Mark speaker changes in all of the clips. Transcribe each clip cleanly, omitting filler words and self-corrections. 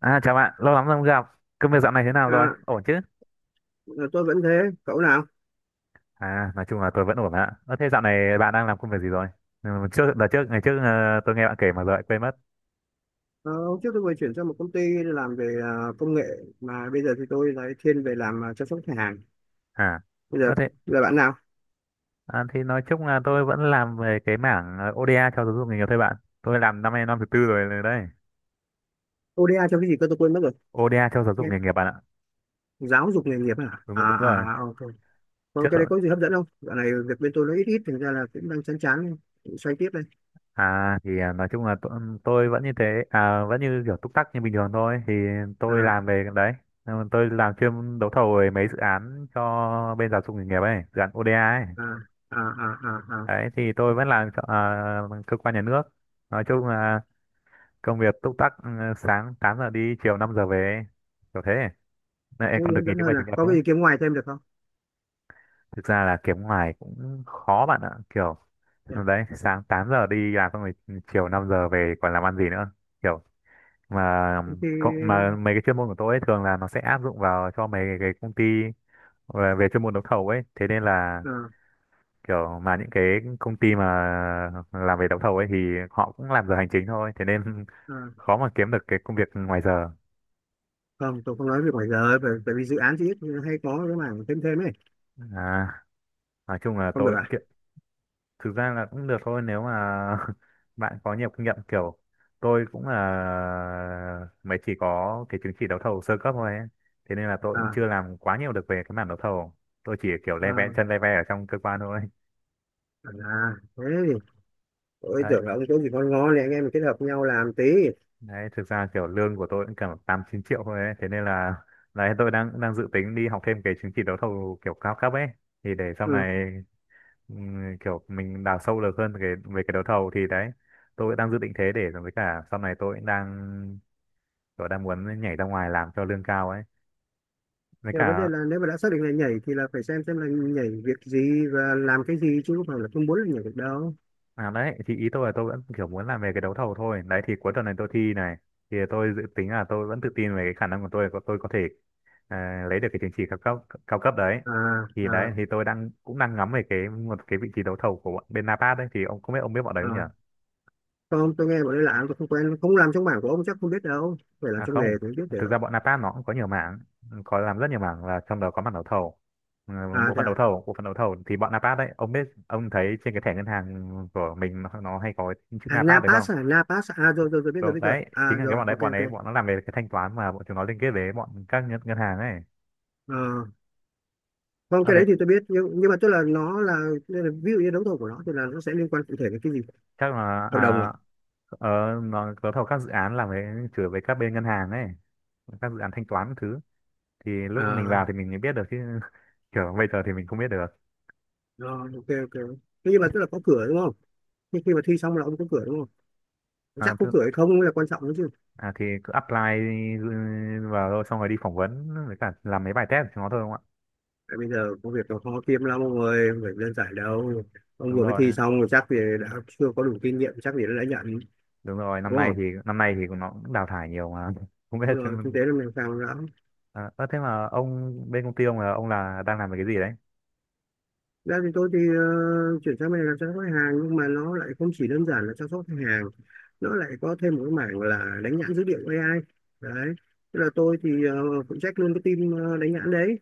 Speaker 1: À chào bạn, lâu lắm rồi không gặp. Công việc dạo này thế nào rồi?
Speaker 2: À,
Speaker 1: Ổn chứ?
Speaker 2: tôi vẫn thế, cậu nào?
Speaker 1: Nói chung là tôi vẫn ổn ạ. Ơ thế dạo này bạn đang làm công việc gì rồi? Trước đợt trước ngày trước ờ, Tôi nghe bạn kể mà giờ lại quên mất.
Speaker 2: Ờ, hôm trước tôi vừa chuyển sang một công ty làm về công nghệ mà bây giờ thì tôi lại thiên về làm chăm sóc khách hàng.
Speaker 1: À.
Speaker 2: Bây giờ
Speaker 1: Ơ thế
Speaker 2: là bạn nào?
Speaker 1: à, thì nói chung là tôi vẫn làm về cái mảng ODA cho giáo dục nghề nghiệp thôi bạn. Tôi làm năm nay năm thứ tư rồi đấy.
Speaker 2: ODA cho cái gì cơ tôi quên mất rồi.
Speaker 1: ODA cho giáo
Speaker 2: Nghe,
Speaker 1: dục nghề nghiệp bạn ạ.
Speaker 2: giáo dục nghề nghiệp à?
Speaker 1: Đúng đúng rồi.
Speaker 2: Ok. Có cái đấy
Speaker 1: Trước
Speaker 2: có gì hấp dẫn không? Dạo này việc bên tôi nó ít ít, thành ra là cũng đang chán chán, xoay tiếp đây.
Speaker 1: Nói chung là tôi vẫn như thế à, vẫn như kiểu túc tắc như bình thường thôi thì tôi
Speaker 2: À,
Speaker 1: làm về cái đấy. Tôi làm chuyên đấu thầu về mấy dự án cho bên giáo dục nghề nghiệp ấy, dự án ODA ấy.
Speaker 2: à, à, à, à, à.
Speaker 1: Đấy thì tôi vẫn làm cho cơ quan nhà nước, nói chung là công việc túc tắc sáng 8 giờ đi, chiều 5 giờ về, kiểu thế. Này,
Speaker 2: Có
Speaker 1: còn
Speaker 2: gì
Speaker 1: được
Speaker 2: hấp
Speaker 1: nghỉ
Speaker 2: dẫn
Speaker 1: thứ
Speaker 2: hơn
Speaker 1: bảy chủ
Speaker 2: à?
Speaker 1: nhật
Speaker 2: Có cái
Speaker 1: nữa.
Speaker 2: gì kiếm ngoài thêm được không?
Speaker 1: Thực ra là kiếm ngoài cũng khó bạn ạ, kiểu
Speaker 2: Dạ.
Speaker 1: đấy, sáng 8 giờ đi làm xong rồi chiều 5 giờ về còn làm ăn gì nữa kiểu mà mà
Speaker 2: Thì,
Speaker 1: mấy cái chuyên môn của tôi ấy, thường là nó sẽ áp dụng vào cho mấy cái công ty về, về chuyên môn đấu thầu ấy, thế nên là
Speaker 2: à,
Speaker 1: kiểu mà những cái công ty mà làm về đấu thầu ấy thì họ cũng làm giờ hành chính thôi, thế nên
Speaker 2: à.
Speaker 1: khó mà kiếm được cái công việc ngoài giờ.
Speaker 2: Không, tôi không nói việc ngoài giờ, bởi vì dự án thì ít hay có cái mảng thêm thêm ấy.
Speaker 1: à, nói chung là
Speaker 2: Không được
Speaker 1: tôi
Speaker 2: à?
Speaker 1: thực ra là cũng được thôi nếu mà bạn có nhiều kinh nghiệm, kiểu tôi cũng là mới chỉ có cái chứng chỉ đấu thầu sơ cấp thôi ấy. Thế nên là tôi cũng
Speaker 2: à,
Speaker 1: chưa làm quá nhiều được về cái mảng đấu thầu, tôi chỉ kiểu
Speaker 2: à,
Speaker 1: le ve chân le ve ở trong cơ quan thôi.
Speaker 2: thế thì tôi
Speaker 1: Đấy,
Speaker 2: tưởng là ông chỗ gì ngon ngon này anh em mình kết hợp nhau làm tí.
Speaker 1: đấy thực ra kiểu lương của tôi cũng cả 8 9 triệu thôi ấy. Thế nên là đấy, tôi đang đang dự tính đi học thêm cái chứng chỉ đấu thầu kiểu cao cấp ấy thì để sau
Speaker 2: Ừ,
Speaker 1: này kiểu mình đào sâu được hơn về cái đấu thầu, thì đấy tôi đang dự định thế. Để với cả sau này tôi đang muốn nhảy ra ngoài làm cho lương cao ấy với
Speaker 2: nhưng mà vấn đề
Speaker 1: cả
Speaker 2: là nếu mà đã xác định là nhảy thì là phải xem là nhảy việc gì và làm cái gì chứ không phải là không muốn là nhảy được đâu.
Speaker 1: à, đấy thì ý tôi là tôi vẫn kiểu muốn làm về cái đấu thầu thôi. Đấy thì cuối tuần này tôi thi này, thì tôi dự tính là tôi vẫn tự tin về cái khả năng của tôi tôi có thể lấy được cái chứng chỉ cao cấp, cao cấp đấy.
Speaker 2: à
Speaker 1: Thì
Speaker 2: à
Speaker 1: đấy thì tôi cũng đang ngắm về một cái vị trí đấu thầu của bọn bên Napat đấy, thì ông không biết, ông biết bọn đấy không nhỉ?
Speaker 2: à Không, tôi nghe bọn đây làm tôi không quen, không làm trong mảng của ông chắc không biết đâu, phải làm
Speaker 1: À
Speaker 2: trong nghề
Speaker 1: không,
Speaker 2: thì mới biết
Speaker 1: thực
Speaker 2: được.
Speaker 1: ra bọn Napat nó cũng có nhiều mảng, có làm rất nhiều mảng, là trong đó có mảng đấu thầu. Ừ,
Speaker 2: À
Speaker 1: bộ
Speaker 2: thế
Speaker 1: phận đấu
Speaker 2: à.
Speaker 1: thầu, bộ phận đấu thầu thì bọn Napat đấy, ông biết, ông thấy trên cái thẻ ngân hàng của mình nó hay có chữ Napat được không?
Speaker 2: Napas, à rồi rồi rồi biết rồi,
Speaker 1: Đúng,
Speaker 2: biết rồi
Speaker 1: đấy,
Speaker 2: à
Speaker 1: chính là cái
Speaker 2: rồi
Speaker 1: bọn đấy,
Speaker 2: ok
Speaker 1: bọn ấy,
Speaker 2: ok.
Speaker 1: bọn nó làm về cái thanh toán mà bọn chúng nó liên kết với bọn các ngân hàng ấy.
Speaker 2: Ờ, không
Speaker 1: Ở
Speaker 2: cái
Speaker 1: đấy,
Speaker 2: đấy thì tôi biết nhưng mà tức là nó là, ví dụ như đấu thầu của nó thì là nó sẽ liên quan cụ thể đến cái gì,
Speaker 1: chắc là
Speaker 2: hợp đồng à?
Speaker 1: ờ, nó đấu thầu các dự án làm với chửi với các bên ngân hàng ấy, các dự án thanh toán các thứ. Thì lúc mình vào
Speaker 2: À.
Speaker 1: thì mình mới biết được chứ kiểu bây giờ thì mình không biết được.
Speaker 2: Rồi, ok ok. Thế nhưng mà tức là có cửa đúng không? Nhưng khi mà thi xong là ông có cửa đúng không?
Speaker 1: À,
Speaker 2: Chắc có cửa hay không mới là quan trọng đấy chứ.
Speaker 1: à thì cứ apply ừ, vào thôi, xong rồi đi phỏng vấn với cả làm mấy bài test cho nó thôi đúng không ạ?
Speaker 2: Tại bây giờ công việc nó khó kiếm lắm ông ơi, không phải đơn giản đâu. Ông
Speaker 1: Đúng
Speaker 2: vừa mới
Speaker 1: rồi,
Speaker 2: thi xong rồi chắc thì đã chưa có đủ kinh nghiệm, chắc gì đã nhận, đúng không?
Speaker 1: năm nay thì nó cũng đào thải nhiều mà. Không biết
Speaker 2: Đúng rồi, kinh
Speaker 1: xem-
Speaker 2: tế là mình càng lắm.
Speaker 1: à, ơ, thế mà ông bên công ty ông là ông đang làm về cái gì đấy?
Speaker 2: Ra thì tôi thì chuyển sang bên này làm chăm sóc khách hàng nhưng mà nó lại không chỉ đơn giản là chăm sóc khách hàng. Nó lại có thêm một cái mảng là đánh nhãn dữ liệu AI. Đấy. Tức là tôi thì phụ trách luôn cái team đánh nhãn đấy.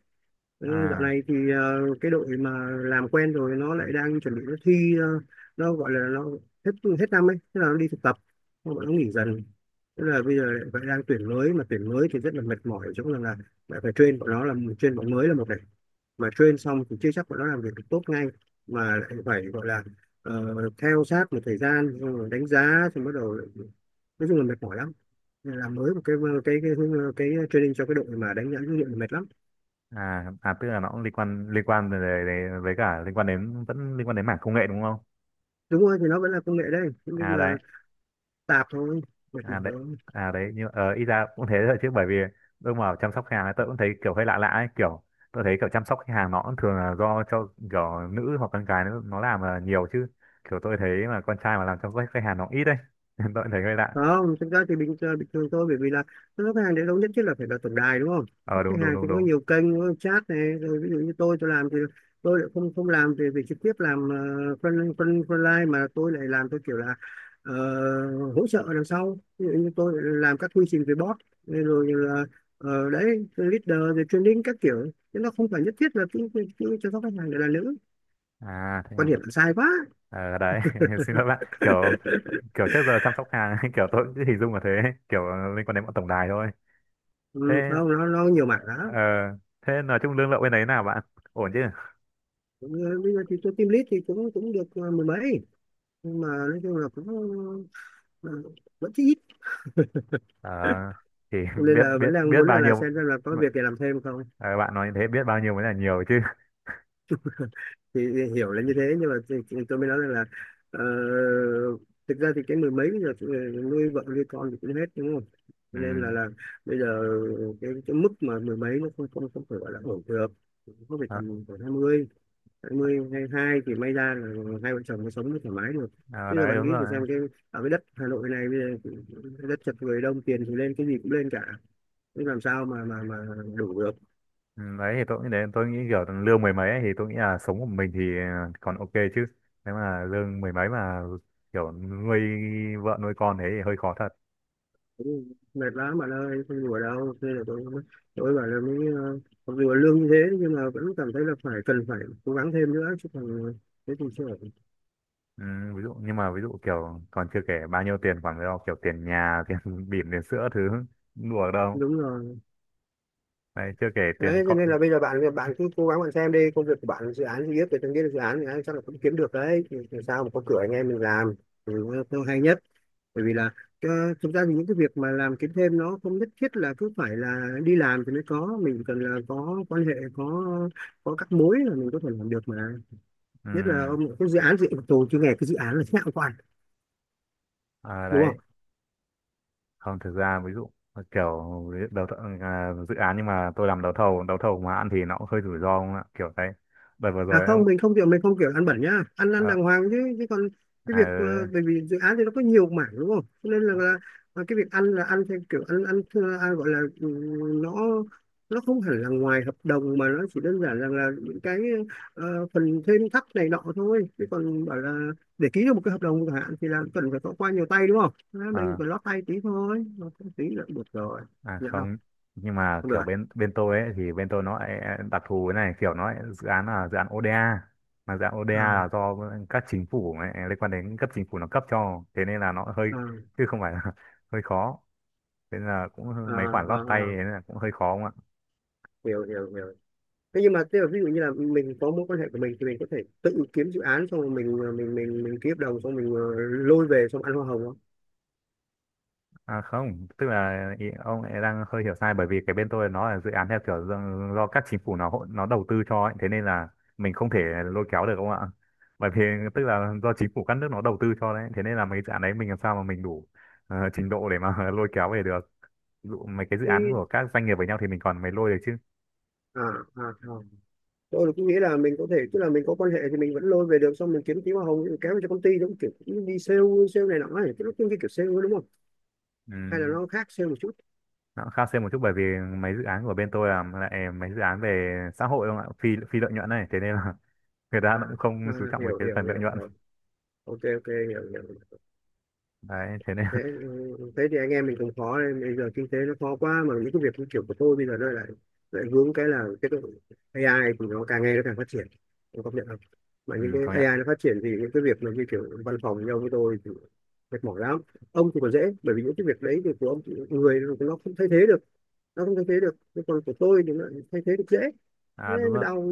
Speaker 2: Ừ, dạo
Speaker 1: À
Speaker 2: này thì cái đội mà làm quen rồi nó lại đang chuẩn bị nó thi nó gọi là nó hết hết năm ấy, thế là nó đi thực tập, bọn nó nghỉ dần. Thế là bây giờ lại phải đang tuyển mới mà tuyển mới thì rất là mệt mỏi ở chỗ rằng là lại phải train bọn nó làm, train bọn mới là một này, mà train xong thì chưa chắc bọn nó làm việc được tốt ngay mà lại phải gọi là ờ, theo sát một thời gian xong rồi đánh giá xong bắt đầu lại, nói chung là mệt mỏi lắm. Nên làm mới một cái cái cái, cái training cho cái đội mà đánh giá dữ liệu là mệt lắm.
Speaker 1: à tức là nó cũng liên quan về, với cả liên quan đến, vẫn liên quan đến mảng công nghệ đúng không?
Speaker 2: Đúng rồi thì nó vẫn là công nghệ đấy nhưng
Speaker 1: À
Speaker 2: mà
Speaker 1: đấy.
Speaker 2: tạp thôi, mệt
Speaker 1: à
Speaker 2: mỏi
Speaker 1: đấy
Speaker 2: thôi.
Speaker 1: à đấy nhưng ờ ít ra cũng thế thôi chứ bởi vì tôi mà chăm sóc khách hàng ấy, tôi cũng thấy kiểu hơi lạ lạ ấy, kiểu tôi thấy kiểu chăm sóc khách hàng nó cũng thường là do cho kiểu nữ hoặc con gái nó làm là nhiều chứ, kiểu tôi thấy mà con trai mà làm chăm sóc khách hàng nó ít đấy nên tôi cũng thấy hơi lạ.
Speaker 2: Không, thực ra thì bình bình thường thôi bởi vì là nó khách hàng đến đâu nhất thiết là phải là tổng đài đúng không.
Speaker 1: Ờ
Speaker 2: Các khách
Speaker 1: đúng đúng
Speaker 2: hàng
Speaker 1: đúng
Speaker 2: thì có
Speaker 1: đúng.
Speaker 2: nhiều kênh có chat này, rồi ví dụ như tôi làm thì tôi lại không không làm về về trực tiếp làm front front frontline, mà tôi lại làm, tôi kiểu là ờ, hỗ trợ đằng sau, ví dụ như tôi lại làm các quy trình về bot rồi là đấy leader rồi training các kiểu, chứ nó không phải nhất thiết là cứ cứ- cứ chăm sóc khách hàng để là nữ.
Speaker 1: À thế,
Speaker 2: Quan
Speaker 1: em thế.
Speaker 2: điểm là sai quá.
Speaker 1: Ờ đấy xin lỗi bạn, kiểu kiểu trước giờ chăm sóc hàng kiểu tôi cũng cứ hình dung là thế, kiểu liên quan đến bọn tổng đài thôi.
Speaker 2: Ừ,
Speaker 1: Thế
Speaker 2: không nó nó nhiều mặt
Speaker 1: ờ,
Speaker 2: lắm.
Speaker 1: thế nói chung lương lậu bên đấy nào bạn, ổn chứ?
Speaker 2: Cũng bây giờ thì tôi team lead thì cũng cũng được mười mấy nhưng mà nói chung là cũng ờ, vẫn chưa ít.
Speaker 1: Ờ, thì
Speaker 2: Cho nên
Speaker 1: biết
Speaker 2: là
Speaker 1: biết
Speaker 2: vẫn đang
Speaker 1: biết
Speaker 2: muốn
Speaker 1: bao
Speaker 2: là
Speaker 1: nhiêu.
Speaker 2: xem là có việc để làm thêm không.
Speaker 1: Ờ, bạn nói như thế biết bao nhiêu mới là nhiều chứ?
Speaker 2: Thì hiểu là như thế nhưng mà thì tôi mới nói rằng là ờ, thực ra thì cái mười mấy bây giờ thì nuôi vợ nuôi con thì cũng hết đúng không, cho nên
Speaker 1: Ừ.
Speaker 2: là bây giờ cái mức mà mười mấy nó không không không phải gọi là ổn được, nó phải
Speaker 1: Ờ,
Speaker 2: tầm khoảng hai mươi, 20, hai hai thì may ra là hai vợ chồng mới sống thoải mái được.
Speaker 1: ờ,
Speaker 2: Bây giờ
Speaker 1: đấy
Speaker 2: bạn
Speaker 1: đúng
Speaker 2: nghĩ thử
Speaker 1: rồi.
Speaker 2: xem cái ở cái đất Hà Nội này bây giờ đất chật người đông tiền thì lên cái gì cũng lên cả. Thế làm sao mà đủ được.
Speaker 1: Ừ, đấy thì tôi nghĩ đến, tôi nghĩ kiểu lương mười mấy ấy, thì tôi nghĩ là sống của mình thì còn ok chứ, nếu mà lương mười mấy mà kiểu nuôi vợ nuôi con thế thì hơi khó thật.
Speaker 2: Mệt lắm bạn ơi, không đùa đâu. Thế là tôi bảo là mới mặc dù là lương như thế nhưng mà vẫn cảm thấy là phải cần phải cố gắng thêm nữa chứ còn thế thì chưa ổn.
Speaker 1: Ừ, ví dụ nhưng mà ví dụ kiểu còn chưa kể bao nhiêu tiền khoản đó, kiểu tiền nhà tiền bỉm tiền sữa thứ, đùa đâu.
Speaker 2: Đúng rồi.
Speaker 1: Đấy chưa kể tiền
Speaker 2: Đấy cho
Speaker 1: con.
Speaker 2: nên là bây giờ bạn bạn cứ cố gắng, bạn xem đi công việc của bạn dự án gì biết về từng cái dự án thì anh chắc là cũng kiếm được đấy, thì sao mà có cửa anh em mình làm thì nó hay nhất, bởi vì là ờ, thực ra thì những cái việc mà làm kiếm thêm nó không nhất thiết là cứ phải là đi làm thì mới có, mình chỉ cần là có quan hệ có các mối là mình có thể làm được mà.
Speaker 1: Ừ.
Speaker 2: Nhất là ông cái dự án gì tổ chứ nghe cái dự án là thế nào quan,
Speaker 1: À,
Speaker 2: đúng
Speaker 1: đấy
Speaker 2: không.
Speaker 1: không thực ra ví dụ kiểu đấu thầu, dự án, nhưng mà tôi làm đấu thầu, đấu thầu mà ăn thì nó cũng hơi rủi ro không ạ, kiểu đấy đợt vừa
Speaker 2: À
Speaker 1: rồi ông
Speaker 2: không, mình không kiểu ăn bẩn nhá, ăn ăn
Speaker 1: à,
Speaker 2: đàng hoàng chứ chứ còn cái việc
Speaker 1: ừ,
Speaker 2: bởi vì dự án thì nó có nhiều mảng đúng không? Cho nên là cái việc ăn là ăn theo kiểu ăn ăn, ăn gọi là nó không hẳn là ngoài hợp đồng mà nó chỉ đơn giản rằng là những cái phần thêm thắt này nọ thôi. Chứ còn bảo là để ký được một cái hợp đồng chẳng hạn thì là cần phải có qua nhiều tay đúng không? Thế mình
Speaker 1: à,
Speaker 2: phải lót tay tí thôi, lót tay tí là được rồi, nhận không?
Speaker 1: không. Nhưng mà
Speaker 2: Không được
Speaker 1: kiểu
Speaker 2: à?
Speaker 1: bên bên tôi ấy, thì bên tôi nó lại đặc thù cái này, kiểu nó lại dự án là dự án ODA, mà dự án ODA là
Speaker 2: À,
Speaker 1: do các chính phủ ấy, liên quan đến cấp chính phủ nó cấp cho, thế nên là nó hơi
Speaker 2: à,
Speaker 1: chứ không phải là hơi khó, thế nên là cũng hơi-
Speaker 2: à,
Speaker 1: mấy khoản
Speaker 2: à,
Speaker 1: lót tay, thế
Speaker 2: à.
Speaker 1: nên là cũng hơi khó.
Speaker 2: Hiểu hiểu hiểu. Thế nhưng mà thế là ví dụ như là mình có mối quan hệ của mình thì mình có thể tự kiếm dự án xong rồi mình mình ký hợp đồng xong mình lôi về xong ăn hoa hồng không.
Speaker 1: À không, tức là ý, ông lại đang hơi hiểu sai, bởi vì cái bên tôi nó là dự án theo kiểu do, do các chính phủ nó nó đầu tư cho ấy, thế nên là mình không thể lôi kéo được ông ạ. Bởi vì tức là do chính phủ các nước nó đầu tư cho đấy, thế nên là mấy dự án đấy mình làm sao mà mình đủ trình độ để mà lôi kéo về được. Ví dụ mấy cái dự án
Speaker 2: Thế-
Speaker 1: của các doanh nghiệp với nhau thì mình còn mới lôi được chứ.
Speaker 2: à, à, à. Tôi cũng nghĩ là mình có thể tức là mình có quan hệ thì mình vẫn lôi về được xong mình kiếm tí hoa hồng mình kéo về cho công ty giống kiểu cũng đi sale, này nọ ấy, cái lúc cái kiểu sale ấy, đúng không, hay là
Speaker 1: Ừ,
Speaker 2: nó khác sale một chút.
Speaker 1: nó cũng khá xem một chút, bởi vì mấy dự án của bên tôi là lại mấy dự án về xã hội không ạ, phi phi lợi nhuận này, thế nên là người ta
Speaker 2: à,
Speaker 1: cũng không
Speaker 2: à
Speaker 1: chú trọng về
Speaker 2: Hiểu
Speaker 1: cái
Speaker 2: hiểu
Speaker 1: phần lợi
Speaker 2: hiểu
Speaker 1: nhuận.
Speaker 2: hiểu, ok ok hiểu hiểu.
Speaker 1: Đấy, thế nên
Speaker 2: Thế, ừ, thế thì anh em mình cũng khó nên bây giờ kinh tế nó khó quá mà những cái việc như kiểu của tôi bây giờ nó lại lại hướng cái là cái độ AI thì nó càng ngày nó càng phát triển. Em công nhận không, mà
Speaker 1: ừ,
Speaker 2: những
Speaker 1: công
Speaker 2: cái
Speaker 1: nhận.
Speaker 2: AI nó phát triển thì những cái việc mà như kiểu văn phòng như ông với tôi thì mệt mỏi lắm. Ông thì còn dễ bởi vì những cái việc đấy thì của ông thì người nó không thay thế được, nó không thay thế được, nhưng còn của tôi thì nó lại thay thế được dễ. Thế
Speaker 1: À
Speaker 2: mới đau.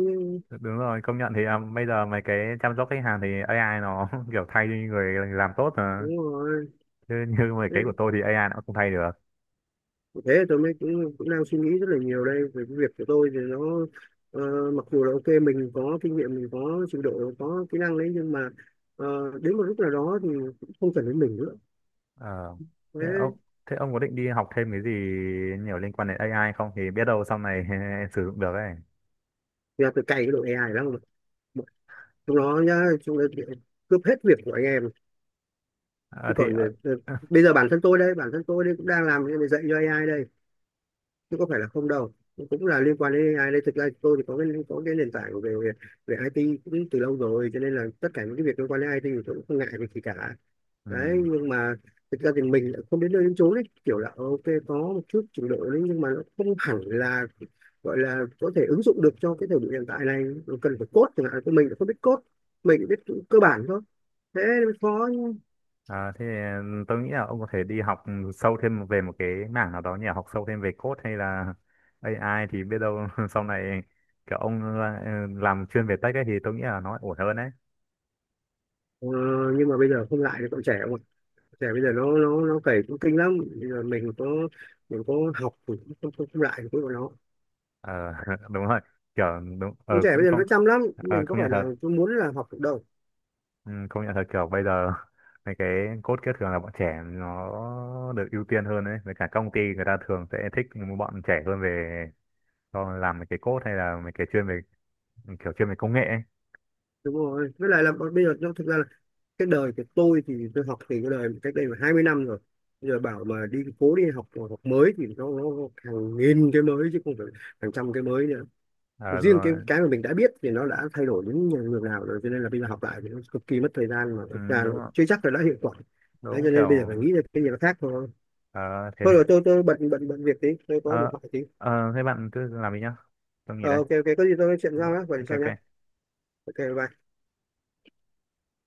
Speaker 1: đúng rồi, công nhận thì bây giờ mấy cái chăm sóc khách hàng thì AI nó kiểu thay đi người làm tốt mà.
Speaker 2: Đúng rồi,
Speaker 1: Chứ như mấy cái của tôi thì AI nó cũng không thay được.
Speaker 2: thế tôi mới cũng đang suy nghĩ rất là nhiều đây về cái việc của tôi thì nó ờ, mặc dù là ok mình có kinh nghiệm mình có trình độ có kỹ năng đấy nhưng mà ờ, đến một lúc nào đó thì cũng không cần đến mình nữa.
Speaker 1: Ờ,
Speaker 2: Thế
Speaker 1: Thế ông thế ông có định đi học thêm cái gì nhiều liên quan đến AI không, thì biết đâu sau này sử dụng được ấy.
Speaker 2: thì là tôi cày cái đội AI lắm mà chúng nó nhá chúng nó cướp hết việc của anh em, chứ
Speaker 1: Ờ, thì
Speaker 2: còn
Speaker 1: ờ,
Speaker 2: bây giờ bản thân tôi đây cũng đang làm cái này dạy cho AI đây chứ có phải là không đâu, cũng là liên quan đến AI đây. Thực ra tôi thì có cái nền tảng về về IT cũng từ lâu rồi cho nên là tất cả những cái việc liên quan đến IT thì tôi cũng không ngại việc gì cả.
Speaker 1: ừ.
Speaker 2: Đấy nhưng mà thực ra thì mình lại không đến nơi đến chốn ấy, kiểu là ok có một chút trình độ đấy nhưng mà nó không hẳn là gọi là có thể ứng dụng được cho cái thời điểm hiện tại này. Nó cần phải code chẳng hạn, của mình cũng không biết code, mình chỉ biết cơ bản thôi, thế mới khó chứ.
Speaker 1: Ờ, thế tôi nghĩ là ông có thể đi học sâu thêm về một cái mảng nào đó nhỉ, học sâu thêm về code hay là AI, thì biết đâu sau này kiểu ông làm chuyên về tech ấy thì tôi nghĩ là nó ổn hơn đấy.
Speaker 2: Ờ, nhưng mà bây giờ không lại được, còn trẻ. Trẻ bây giờ nó cày cũng kinh lắm, bây giờ mình có học thì cũng không không, không lại được với bọn nó.
Speaker 1: Ờ, đúng rồi, kiểu đúng ờ
Speaker 2: Con trẻ bây
Speaker 1: cũng
Speaker 2: giờ nó
Speaker 1: không.
Speaker 2: chăm lắm,
Speaker 1: Ờ,
Speaker 2: mình có
Speaker 1: công
Speaker 2: phải
Speaker 1: nhận thật.
Speaker 2: là tôi muốn là học được đâu.
Speaker 1: Ừ, công nhận thật kiểu bây giờ mấy cái code kia thường là bọn trẻ nó được ưu tiên hơn đấy, với cả công ty người ta thường sẽ thích những bọn trẻ hơn về cho làm mấy cái code hay là mấy cái chuyên về chuyên về công nghệ ấy.
Speaker 2: Đúng rồi với lại là bây giờ nó thực ra là cái đời của tôi thì tôi học thì cái đời cách đây là 20 năm rồi, bây giờ bảo mà đi cố đi học học mới thì nó hàng nghìn cái mới chứ không phải hàng trăm cái mới nữa,
Speaker 1: Ờ,
Speaker 2: riêng
Speaker 1: rồi.
Speaker 2: cái mà mình đã biết thì nó đã thay đổi đến nhường nào rồi cho nên là bây giờ học lại thì nó cực kỳ mất thời gian mà
Speaker 1: Ừ,
Speaker 2: thực ra nó
Speaker 1: đúng rồi,
Speaker 2: chưa chắc là đã hiệu quả. Đấy
Speaker 1: đúng
Speaker 2: cho nên
Speaker 1: kiểu
Speaker 2: bây giờ phải nghĩ ra cái gì nó khác thôi.
Speaker 1: ờ, thế
Speaker 2: Thôi rồi, tôi bận bận bận việc tí, tôi có điện
Speaker 1: ờ,
Speaker 2: thoại tí.
Speaker 1: thế bạn cứ làm đi nhá, tôi nghỉ
Speaker 2: Ờ,
Speaker 1: đây.
Speaker 2: ok ok có gì tôi nói chuyện sau nhá, gọi điện
Speaker 1: Ok
Speaker 2: sau nhá.
Speaker 1: ok.
Speaker 2: Ok bye.